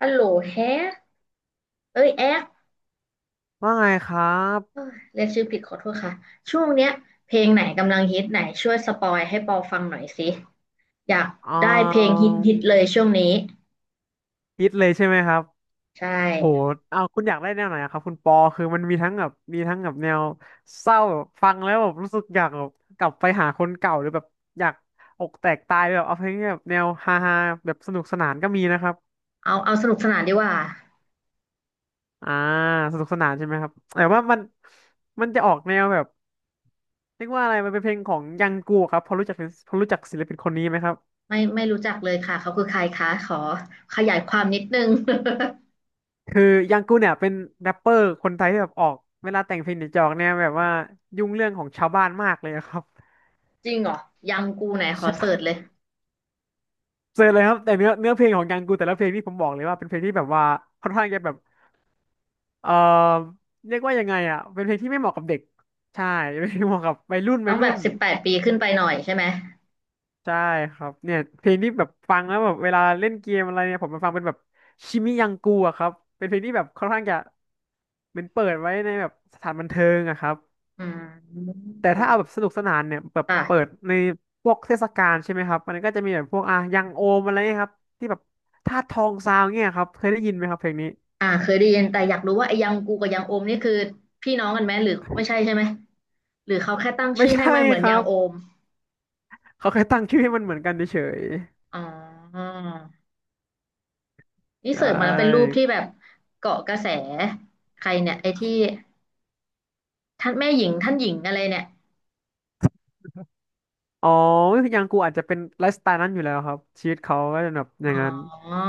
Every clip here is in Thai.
ฮัลโหลแฮกเอ้ยแอ๊กว่าไงครัเอ้บยเรียกชื่อผิดขอโทษค่ะ ช่วงเนี้ยเพลงไหนกำลังฮิตไหนช่วยสปอยให้ปอฟังหน่อยสิ อยากอ่ได้เพลงาฮิตฮิตเลยช่วงนี้ คิดเลยใช่ไหมครับใช่ โหเอาคุณอยากได้แนวไหนอะครับคุณปอคือมันมีทั้งแบบแนวเศร้าแบบฟังแล้วแบบรู้สึกอยากแบบกลับไปหาคนเก่าหรือแบบอยากอกแตกตายแบบเอาเพลงที่แบบแนวฮาฮาแบบสนุกสนานก็มีนะครับเอาสนุกสนานดีกว่าอ่าสนุกสนานใช่ไหมครับแต่ว่ามันจะออกแนวแบบเรียกว่าอะไรมันเป็นเพลงของยังกูครับพอรู้จักศิลปินคนนี้ไหมครับ ไม่รู้จักเลยค่ะ เขาคือใครคะขอขยายความนิดนึง คือยังกูเนี่ยเป็นแรปเปอร์คนไทยที่แบบออกเวลาแต่งเพลงหนียจะออกเนี่ยแบบว่ายุ่งเรื่องของชาวบ้านมากเลยอะครับ จริงเหรอ ยังกูไหน ขอใช่เสิร์ชเลยเจอเลยครับแต่เนื้อเพลงของยังกูแต่ละเพลงที่ผมบอกเลยว่าเป็นเพลงที่แบบว่าค่อนข้างจะแบบเอ่อเรียกว่ายังไงอ่ะเป็นเพลงที่ไม่เหมาะกับเด็กใช่ไม่เพลงเหมาะกับวัยรุ่นต้องแบบ18ปีขึ้นไปหน่อยใช่ไหมใช่ครับเนี่ยเพลงที่แบบฟังแล้วแบบเวลาเล่นเกมอะไรเนี่ยผมมาฟังเป็นแบบชิมิยังกูอะครับเป็นเพลงที่แบบค่อนข้างจะเป็นเปิดไว้ในแบบสถานบันเทิงอะครับ อืมแต่ถ้าเอาแบบสนุกสนานเนี่ยแบบเปิดค่ะ ในพวกเทศกาลใช่ไหมครับมันก็จะมีแบบพวกอ่ะยังโอมอะไรเงี้ยครับที่แบบธาตุทองซาวเงี้ยครับเคยได้ยินไหมครับเพลงนี้อ่าเคยได้ยินแต่อยากรู้ว่าไอ้ยังกูกับยังโอมนี่คือพี่น้องกันไหมหรือไม่ใช่ใช่ไหมหรือเขาแค่ตั้งไม่ชื่อให้ใช่มันเหมือนครัยังบโอมเขาแค่ตั้งชื่อให้มันเหมือนกันเฉยอ๋อๆนี่ใชเสิร์ชมาแล้วเป็นรูป่ที่แบบเกาะกระแสใครเนี่ยไอ้ที่ท่านแม่หญิงท่านหญิงอะไรเนี่ยอ๋อยังกูอาจจะเป็นไลฟ์สไตล์นั้นอยู่แล้วครับชีวิตเขาก็จะแบบออ๋ย่างนั้นอ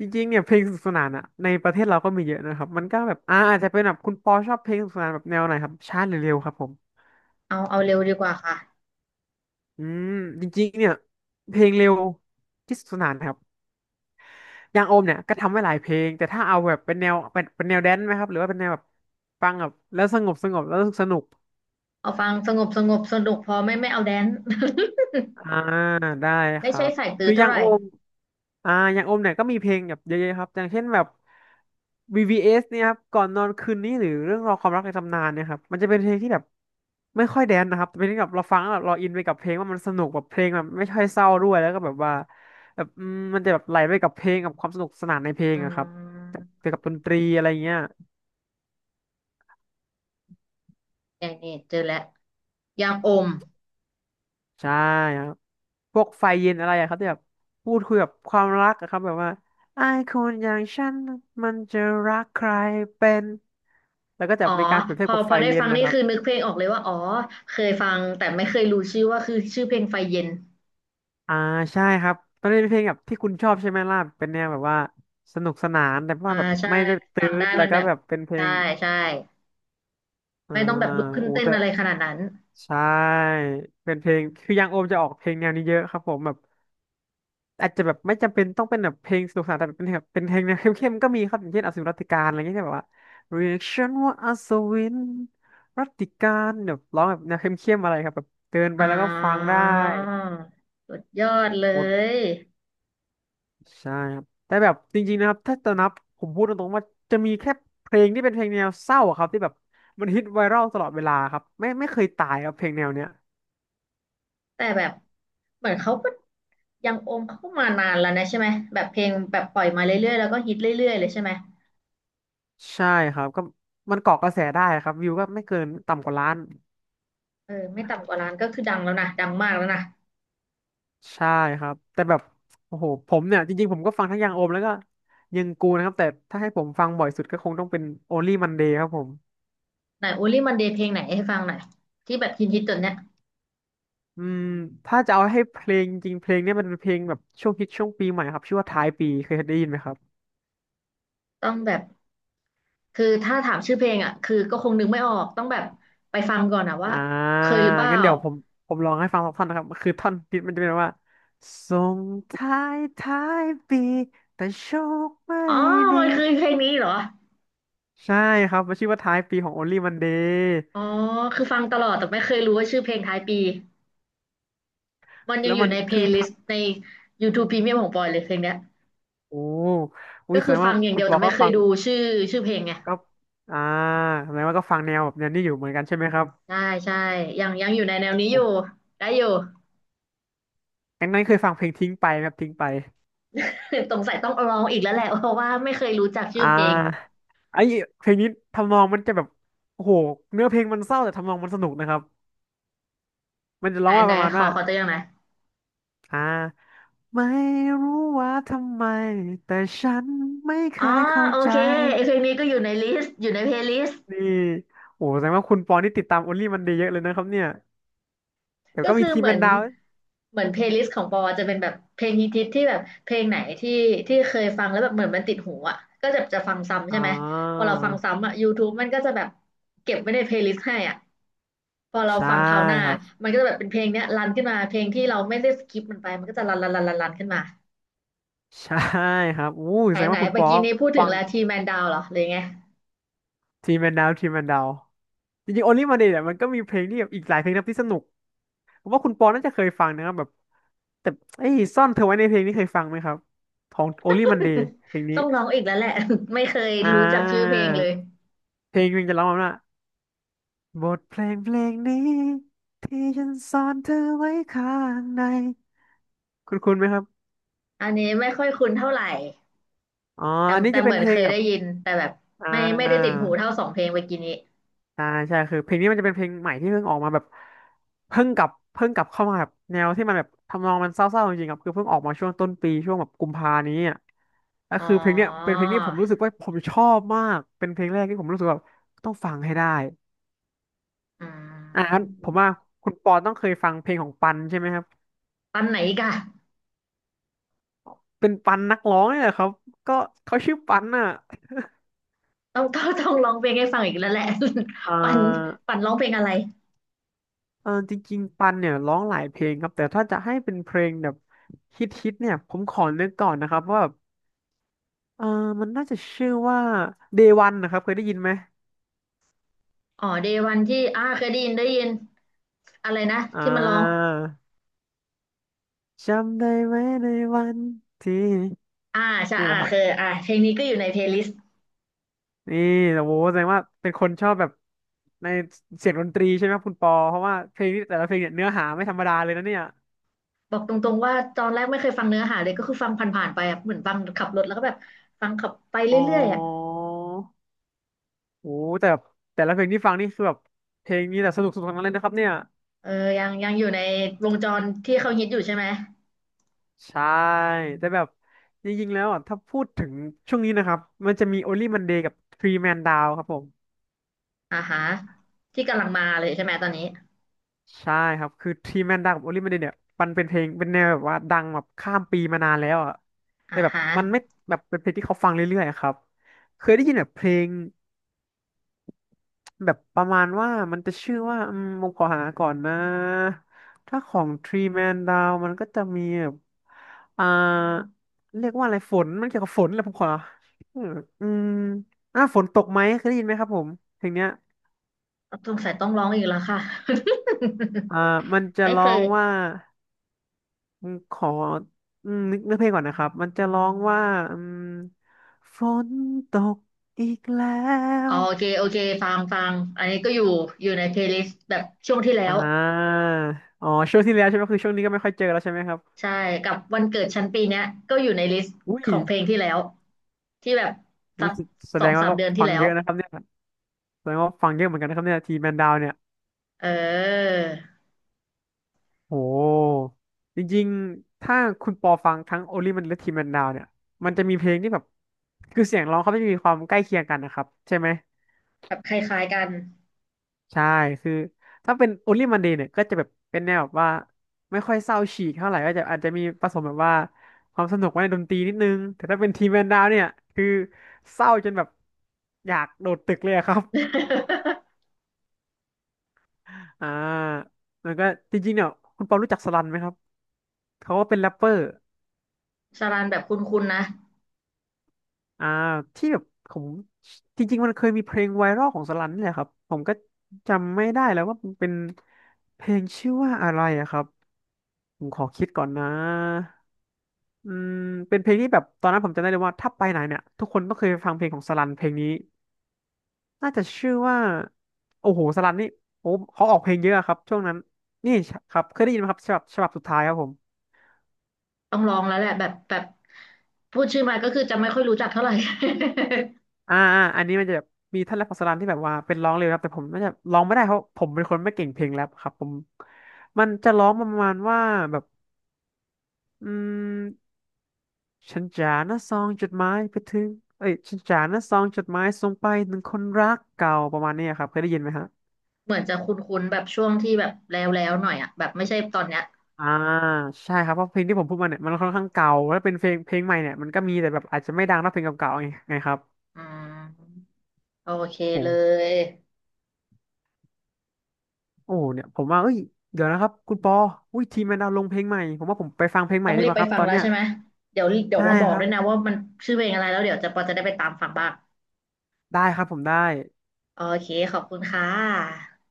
จริงๆเนี่ยเพลงสนุกสนานอะในประเทศเราก็มีเยอะนะครับมันก็แบบอาจจะเป็นแบบคุณปอชอบเพลงสนุกสนานแบบแนวไหนครับช้าหรือเร็วครับผมเอาเร็วดีกว่าค่ะอืมจริงๆเนี่ยเพลงเร็วที่สนุกสนานครับ อย่างโอมเนี่ยก็ทำไว้หลายเพลงแต่ถ้าเอาแบบเป็นแนวเป็นแนวแดนซ์ไหมครับหรือว่าเป็นแนวแบบฟังแบบแล้วสงบแล้วสนุกเอาฟังสงบสงบสนุกพอไม่เอาแดนซ์ อ่าได้ คไม่รัใช่บสายตืคือออเท่าย่างไหร่โอมอย่างโอมเนี่ยก็มีเพลงแบบเยอะๆครับอย่างเช่นแบบ VVS เอสเนี่ยครับก่อนนอนคืนนี้หรือเรื่องราวความรักในตำนานเนี่ยครับมันจะเป็นเพลงที่แบบไม่ค่อยแดนซ์นะครับแต่เป็นที่แบบเราฟังแล้วแบบเราอินไปกับเพลงว่ามันสนุกแบบเพลงแบบไม่ค่อยเศร้าด้วยแล้วก็แบบว่าแบบมันจะแบบไหลไปกับเพลงกับความสนุกสนานในเพลงอือะครับมเกี่ยวกับดนตรีอะไรเงี้ย นี่เจอแล้วยังโอม ใช่ครับพวกไฟเย็นอะไรอะครับที่แบบพูดคุยแบบความรักอะครับแบบว่าไอ้คนอย่างฉันมันจะรักใครเป็นแล้วก็จะอ๋อมีการเปรียบเทีพยบอกับพไฟอได้เย็นฟังนะนี่ครับคือนึกเพลงออกเลยว่าอ๋อเคยฟังแต่ไม่เคยรู้ชื่อว่าคือชื่อเพลงไฟเย็นอ่าใช่ครับตอนนี้เป็นเพลงแบบที่คุณชอบใช่ไหมล่ะเป็นแนวแบบว่าสนุกสนานแต่ว่าอ่าแบบใช่ไม่ได้ตืฟังได้ดแล้มัวนก็แบบแบบเป็นเพลใช่งใช่อ่าไม่ต้องแบบลุกขึ้นโอ้เต้นแต่อะไรขนาดนั้นใช่เป็นเพลงคือยังโอมจะออกเพลงแนวนี้เยอะครับผมแบบ อาจจะแบบไม่จำเป็นต้องเป็นแบบเพลงสนุกสนานแต่เป็นแบบเป็นเพลงแนวเข้มๆก็มีครับอย่างเช่นอสูรรัตติกาลอะไรเงี้ยที่แบบว่า reaction ว่าอัศวินรัตติกาลแบบร้องแบบแนวเข้มๆอะไรครับแบบเดินไปอ่แล้วก็ฟังาได้สุดยอดเลหมดยใช่ครับแต่แบบจริงๆนะครับถ้าจะนับผมพูดตรงๆว่าจะมีแค่เพลงที่เป็นเพลงแนวเศร้าอะครับที่แบบมันฮิตไวรัลตลอดเวลาครับไม่เคยตายครับเพลงแนวเนี้ยแต่แบบเหมือนเขาก็ยังโอมเขาก็มานานแล้วนะใช่ไหมแบบเพลงแบบปล่อยมาเรื่อยๆแล้วก็ฮิตเรื่อยๆเลยใช่ไหมใช่ครับก็มันเกาะกระแสได้ครับวิวก็ไม่เกินต่ำกว่าล้าน เออไม่ต่ำกว่าล้านก็คือดังแล้วนะดังมากแล้วนะใช่ครับแต่แบบโอ้โหผมเนี่ยจริงๆผมก็ฟังทั้งยังโอมแล้วก็ยังกูนะครับแต่ถ้าให้ผมฟังบ่อยสุดก็คงต้องเป็น Only Monday ครับผมไหนโอลี่มันเดย์เพลงไหนให้ฟังหน่อยที่แบบฮิตๆตอนเนี้ยอืมถ้าจะเอาให้เพลงจริงๆเพลงเนี่ยมันเป็นเพลงแบบช่วงฮิตช่วงปีใหม่ครับชื่อว่าท้ายปีเคยได้ยินไหมครับต้องแบบ คือถ้าถามชื่อเพลงอ่ะคือก็คงนึกไม่ออกต้องแบบไปฟังก่อนอ่ะว่าอ่าเคยหรือเปล่างั้นเดี๋ยวผมลองให้ฟังสักท่อนนะครับคือท่อนฮิตมันจะเป็นว่าส่งท้ายปีแต่โชคไม่อ๋อดีมันคือเพลงนี้เหรอใช่ครับมันชื่อว่าท้ายปีของ Only Monday อ๋อคือฟังตลอดแต่ไม่เคยรู้ว่าชื่อเพลงท้ายปีมันยัแล้งวอมัยู่นในเพลคือ ย์ลิสต์ใน YouTube Premium ของปอยเลยเพลงเนี้ยโอ้อุ้ก็ยแสคืดองฟัว่างอย่างคุเดีณยวปแต่อไม่ก็เคฟัยงดูชื่อชื่อเพลงไงก็อ่าแสดงว่าก็ฟังแนวแบบแนวนี้อยู่เหมือนกันใช่ไหมครับใช่ใช่ยังอยู่ในแนวนี้โออยู่้ได้อยู่ งั้นเคยฟังเพลงทิ้งไปไหมครับทิ้งไป สงสัยต้องลองอีกแล้วแหละเพราะว่าไม่เคยรู้จักชื่อ่อเพลงาไอ้เพลงนี้ทำนองมันจะแบบโอ้โหเนื้อเพลงมันเศร้าแต่ทำนองมันสนุกนะครับมันจะไหร้นองว่าไหนประมาณขอว่าขอตัวอย่างไหนอยอ่าไม่รู้ว่าทำไมแต่ฉันไม่เคอ๋อยเข้าโอใจเคไอเพลงนี้ก็อยู่ในลิสต์อยู่ในเพลย์ลิสต์ นี่โอ้โหแสดงว่าคุณปอนี่ติดตามโอลลี่มันดีเยอะเลยนะครับเนี่ยเดี๋ยวก็ก็มีคือทีมเหมือเป็นนดาวเพลย์ลิสต์ของปอจะเป็นแบบเพลงฮิตๆที่แบบเพลงไหนที่เคยฟังแล้วแบบเหมือนมันติดหูอ่ะก็จะฟังซ้ำอ่ใช่ไหมพอาเราฟังซ้ำอ่ะ YouTube มันก็จะแบบเก็บไว้ในเพลย์ลิสต์ให้อ่ะพอเราใช่ฟังคราวหน้าครับ มันก็จะแบบเป็นเพลงเนี้ยรันขึ้นมาเพลงที่เราไม่ได้สกิปมันไปมันก็จะรันรันรันรันรันขึ้นมาใช่ครับอู้ไหนแสดงไหนว่าคุณเมื่อป๊อกี้ปนี้พูดถึฟังงลาทีแมนดาวเหรอหรือไง ทีมแมนดาวจริงๆโอลิมาเดเนี่ยมันก็มีเพลงที่แบบอีกหลายเพลงนะครับที่สนุกผมว่าคุณปอน่าจะเคยฟังนะครับแบบแต่ไอ้ยซ่อนเธอไว้ในเพลงนี้เคยฟังไหมครับของโอลิมันเดย์เพลง นี้ต้องร้องอีกแล้วแหละ ไม่เคยอ่รู้จักชื่อาเพลงเลยเพลงมันจะร้องว่าบทเพลงเพลงนี้ที่ฉันซ่อนเธอไว้ข้างในคุณคุณไหมครับอันนี้ไม่ค่อยคุ้นเท่าไหร่ อ๋อแต่อันนี้แต่จะเหเป็นมือนเพลเคงยกัได้บยินแต่แบบอ่ไม่ไม่ได้ติดหูเท่าา สองเพลงเมื่อกี้นี้ใช่คือเพลงนี้มันจะเป็นเพลงใหม่ที่เพิ่งออกมาแบบเพิ่งกลับเข้ามาแบบแนวที่มันแบบทำนองมันเศร้าๆจริงๆครับคือเพิ่งออกมาช่วงต้นปีช่วงแบบกุมภานี้อ่ะก็อ๋อคือเพลงเนี้ยเป็นเพลงที่ผมรู้สึกว่าผมชอบมากเป็นเพลงแรกที่ผมรู้สึกว่าต้องฟังให้ได้อือ่างั้นผมว่ามคุณปอต้องเคยฟังเพลงของปันใช่ไหมครับปันไหนอีกอะเป็นปันนักร้องเนี่ยแหละครับก็เขาชื่อปันอ่ะต้องร้องเพลงให้ฟังอีกแล้วแหละ เอ่ ปันาปันร้องเพลงอะไรจริงๆปันเนี่ยร้องหลายเพลงครับแต่ถ้าจะให้เป็นเพลงแบบฮิตๆเนี่ยผมขอนึกก่อนนะครับว่า เออมันน่าจะชื่อว่า Day One นะครับเคยได้ยินไหมอ๋อเดวันที่อ่าเคยได้ยินได้ยินอะไรนะอ่าที่มันร้องจำได้ไหมในวันที่อ่าใช่นี่อ่านะครับเคยอ่าเพลงนี้ก็อยู่ในเพลย์ลิสต์นี่โอ้โหแสดงว่าเป็นคนชอบแบบในเสียงดนตรีใช่ไหมครับคุณปอเพราะว่าเพลงนี้แต่ละเพลงเนี่ยเนื้อหาไม่ธรรมดาเลยนะเนี่ยบอกตรงๆว่าตอนแรกไม่เคยฟังเนื้อหาเลยก็คือฟังผ่านๆไปอะเหมือนฟังขับรถแล้วก็แบบฟังขับไปอ๋อเรื่อยๆอะโอ้โหแต่แบบแต่ละเพลงที่ฟังนี่คือแบบเพลงนี้แต่สนุกสุดทั้งนั้นเลยนะครับเนี่ยเออยังอยู่ในวงจรที่เขาฮิตอยู่ใช่ไหม ใช่แต่แบบจริงๆแล้วอ่ะถ้าพูดถึงช่วงนี้นะครับมันจะมี Only Monday กับ Three Man Down ครับผม อ่าฮะที่กำลังมาเลยใช่ไหมตอนนี้ใช่ครับคือที่แม่นดังกับโอลิเมเดนเนี่ยมันเป็นเพลงเป็นแนวแบบว่าดังแบบข้ามปีมานานแล้วอ่ะแต่อ่าแบบฮะมันไม่แบบเป็นเพลงที่เขาฟังเรื่อยๆอะครับเคยได้ยินแบบเพลงแบบประมาณว่ามันจะชื่อว่าผมขอหาก่อนนะถ้าของ Three Man Down มันก็จะมีแบบอ่าเรียกว่าอะไรฝนมันเกี่ยวกับฝนแหละผมขอเอออืมอ่าฝนตกไหมเคยได้ยินไหมครับผมเพลงเนี้ยสงสัยต้องร้องอีกแล้วค่ะ อ่า มันจะไม่ร้เคอยงว่า ขอนึกเนื้อเพลงก่อนนะครับ มันจะร้องว่าอืมฝนตกอีกแล้อ๋อวโอเคโอเคฟังฟังอันนี้ก็อยู่อยู่ในเพลย์ลิสต์แบบช่วงที่แล้อ่วาอ๋อช่วงที่แล้วใช่ไหมคือช่วงนี้ก็ไม่ค่อยเจอแล้วใช่ไหมครับใช่กับวันเกิดชั้นปีเนี้ยก็อยู่ในลิสต์อุ้ขยองเพลงที่แล้วที่แบบอุ้สัยกแสแสสดองงว่าสามก็เดือนที่ฟังแล้เยวอะนะครับเนี่ยแสดงว่าฟังเยอะเหมือนกันนะครับเนี่ยทีแมนดาวเนี่ยเออโหจริงๆ ถ้าคุณปอฟังทั้งโอลิมันและทีแมนดาวเนี่ย มันจะมีเพลงที่แบบคือเสียงร้องเขาไม่มีความใกล้เคียงกันนะครับใช่ไหม แบบคล้ายๆกัน ใช่คือถ้าเป็น Only Monday เนี่ยก็จะแบบเป็นแนวแบบว่าไม่ค่อยเศร้าฉีกเท่าไหร่ก็จะอาจจะมีผสมแบบว่าความสนุกไว้ในดนตรีนิดนึง แต่ถ้าเป็นทีมแมนดาวเนี่ย คือเศร้าจนแบบอยากโดดตึกเลยอะครับ อ่าแล้วก็จริงๆเนี่ยคุณเปารู้จักสลันไหมครับ เขาก็เป็นแรปเปอร์สารันแบบคุ้นๆนะอ่าที่แบบผมจริงๆมันเคยมีเพลงไวรัลของสลันนี่แหละครับผมก็จำไม่ได้แล้วว่ามันเป็นเพลงชื่อว่าอะไรอะครับผมขอคิดก่อนนะ อืมเป็นเพลงที่แบบตอนนั้นผมจำได้เลยว่าถ้าไปไหนเนี่ยทุกคนต้องเคยฟังเพลงของสลันเพลงนี้น่าจะชื่อว่าโอ้โหสลันนี่โอ้เขาออกเพลงเยอะครับช่วงนั้นนี่ครับเคยได้ยินไหมครับฉบับสุดท้ายครับผมต้องลองแล้วแหละแบบแบบพูดชื่อมาก็คือจะไม่ค่อยรู้จักเท่าไหร่ อันนี้มันจะแบบมีท่านแรปของสลันที่แบบว่าเป็นร้องเร็วครับแต่ผมน่าจะร้องไม่ได้เพราะผมเป็นคนไม่เก่งเพลงแรปครับผมมันจะร้องประมาณว่าแบบอืมฉันจานะซองจดหมายไปถึงเอ้ยฉันจานะซองจดหมายส่งไปถึงคนรักเก่าประมาณนี้ครับเคยได้ยินไหมฮะ เหมือนจะคุ้นๆแบบช่วงที่แบบแล้วแล้วหน่อยอ่ะแบบไม่ใช่ตอนเนี้ยอ่าใช่ครับเพราะเพลงที่ผมพูดมาเนี่ยมันค่อนข้างเก่าแล้วเป็นเพลงเพลงใหม่เนี่ยมันก็มีแต่แบบอาจจะไม่ดังเท่าเพลงเก่าๆไงครับอืมโอเคโอ้เลยโอ้เนี่ยผมว่าเอ้ยเดี๋ยวนะครับคุณปออุ้ยทีมแมนดาวลงเพลงใหม่ผมว่าผมไปฟังเพลงใหต้ม่องดีรีกบว่าไปครับฟังตอนแล้วเนี้ยใช่ไหมเดี๋ยวเดี๋ยวใช่มาบอคกรัด้บวยนะว่ามันชื่อเพลงอะไรแล้วเดี๋ยวจะปอจะได้ไปตามฟังบ้างได้ครับผมได้โอเคขอบคุณค่ะ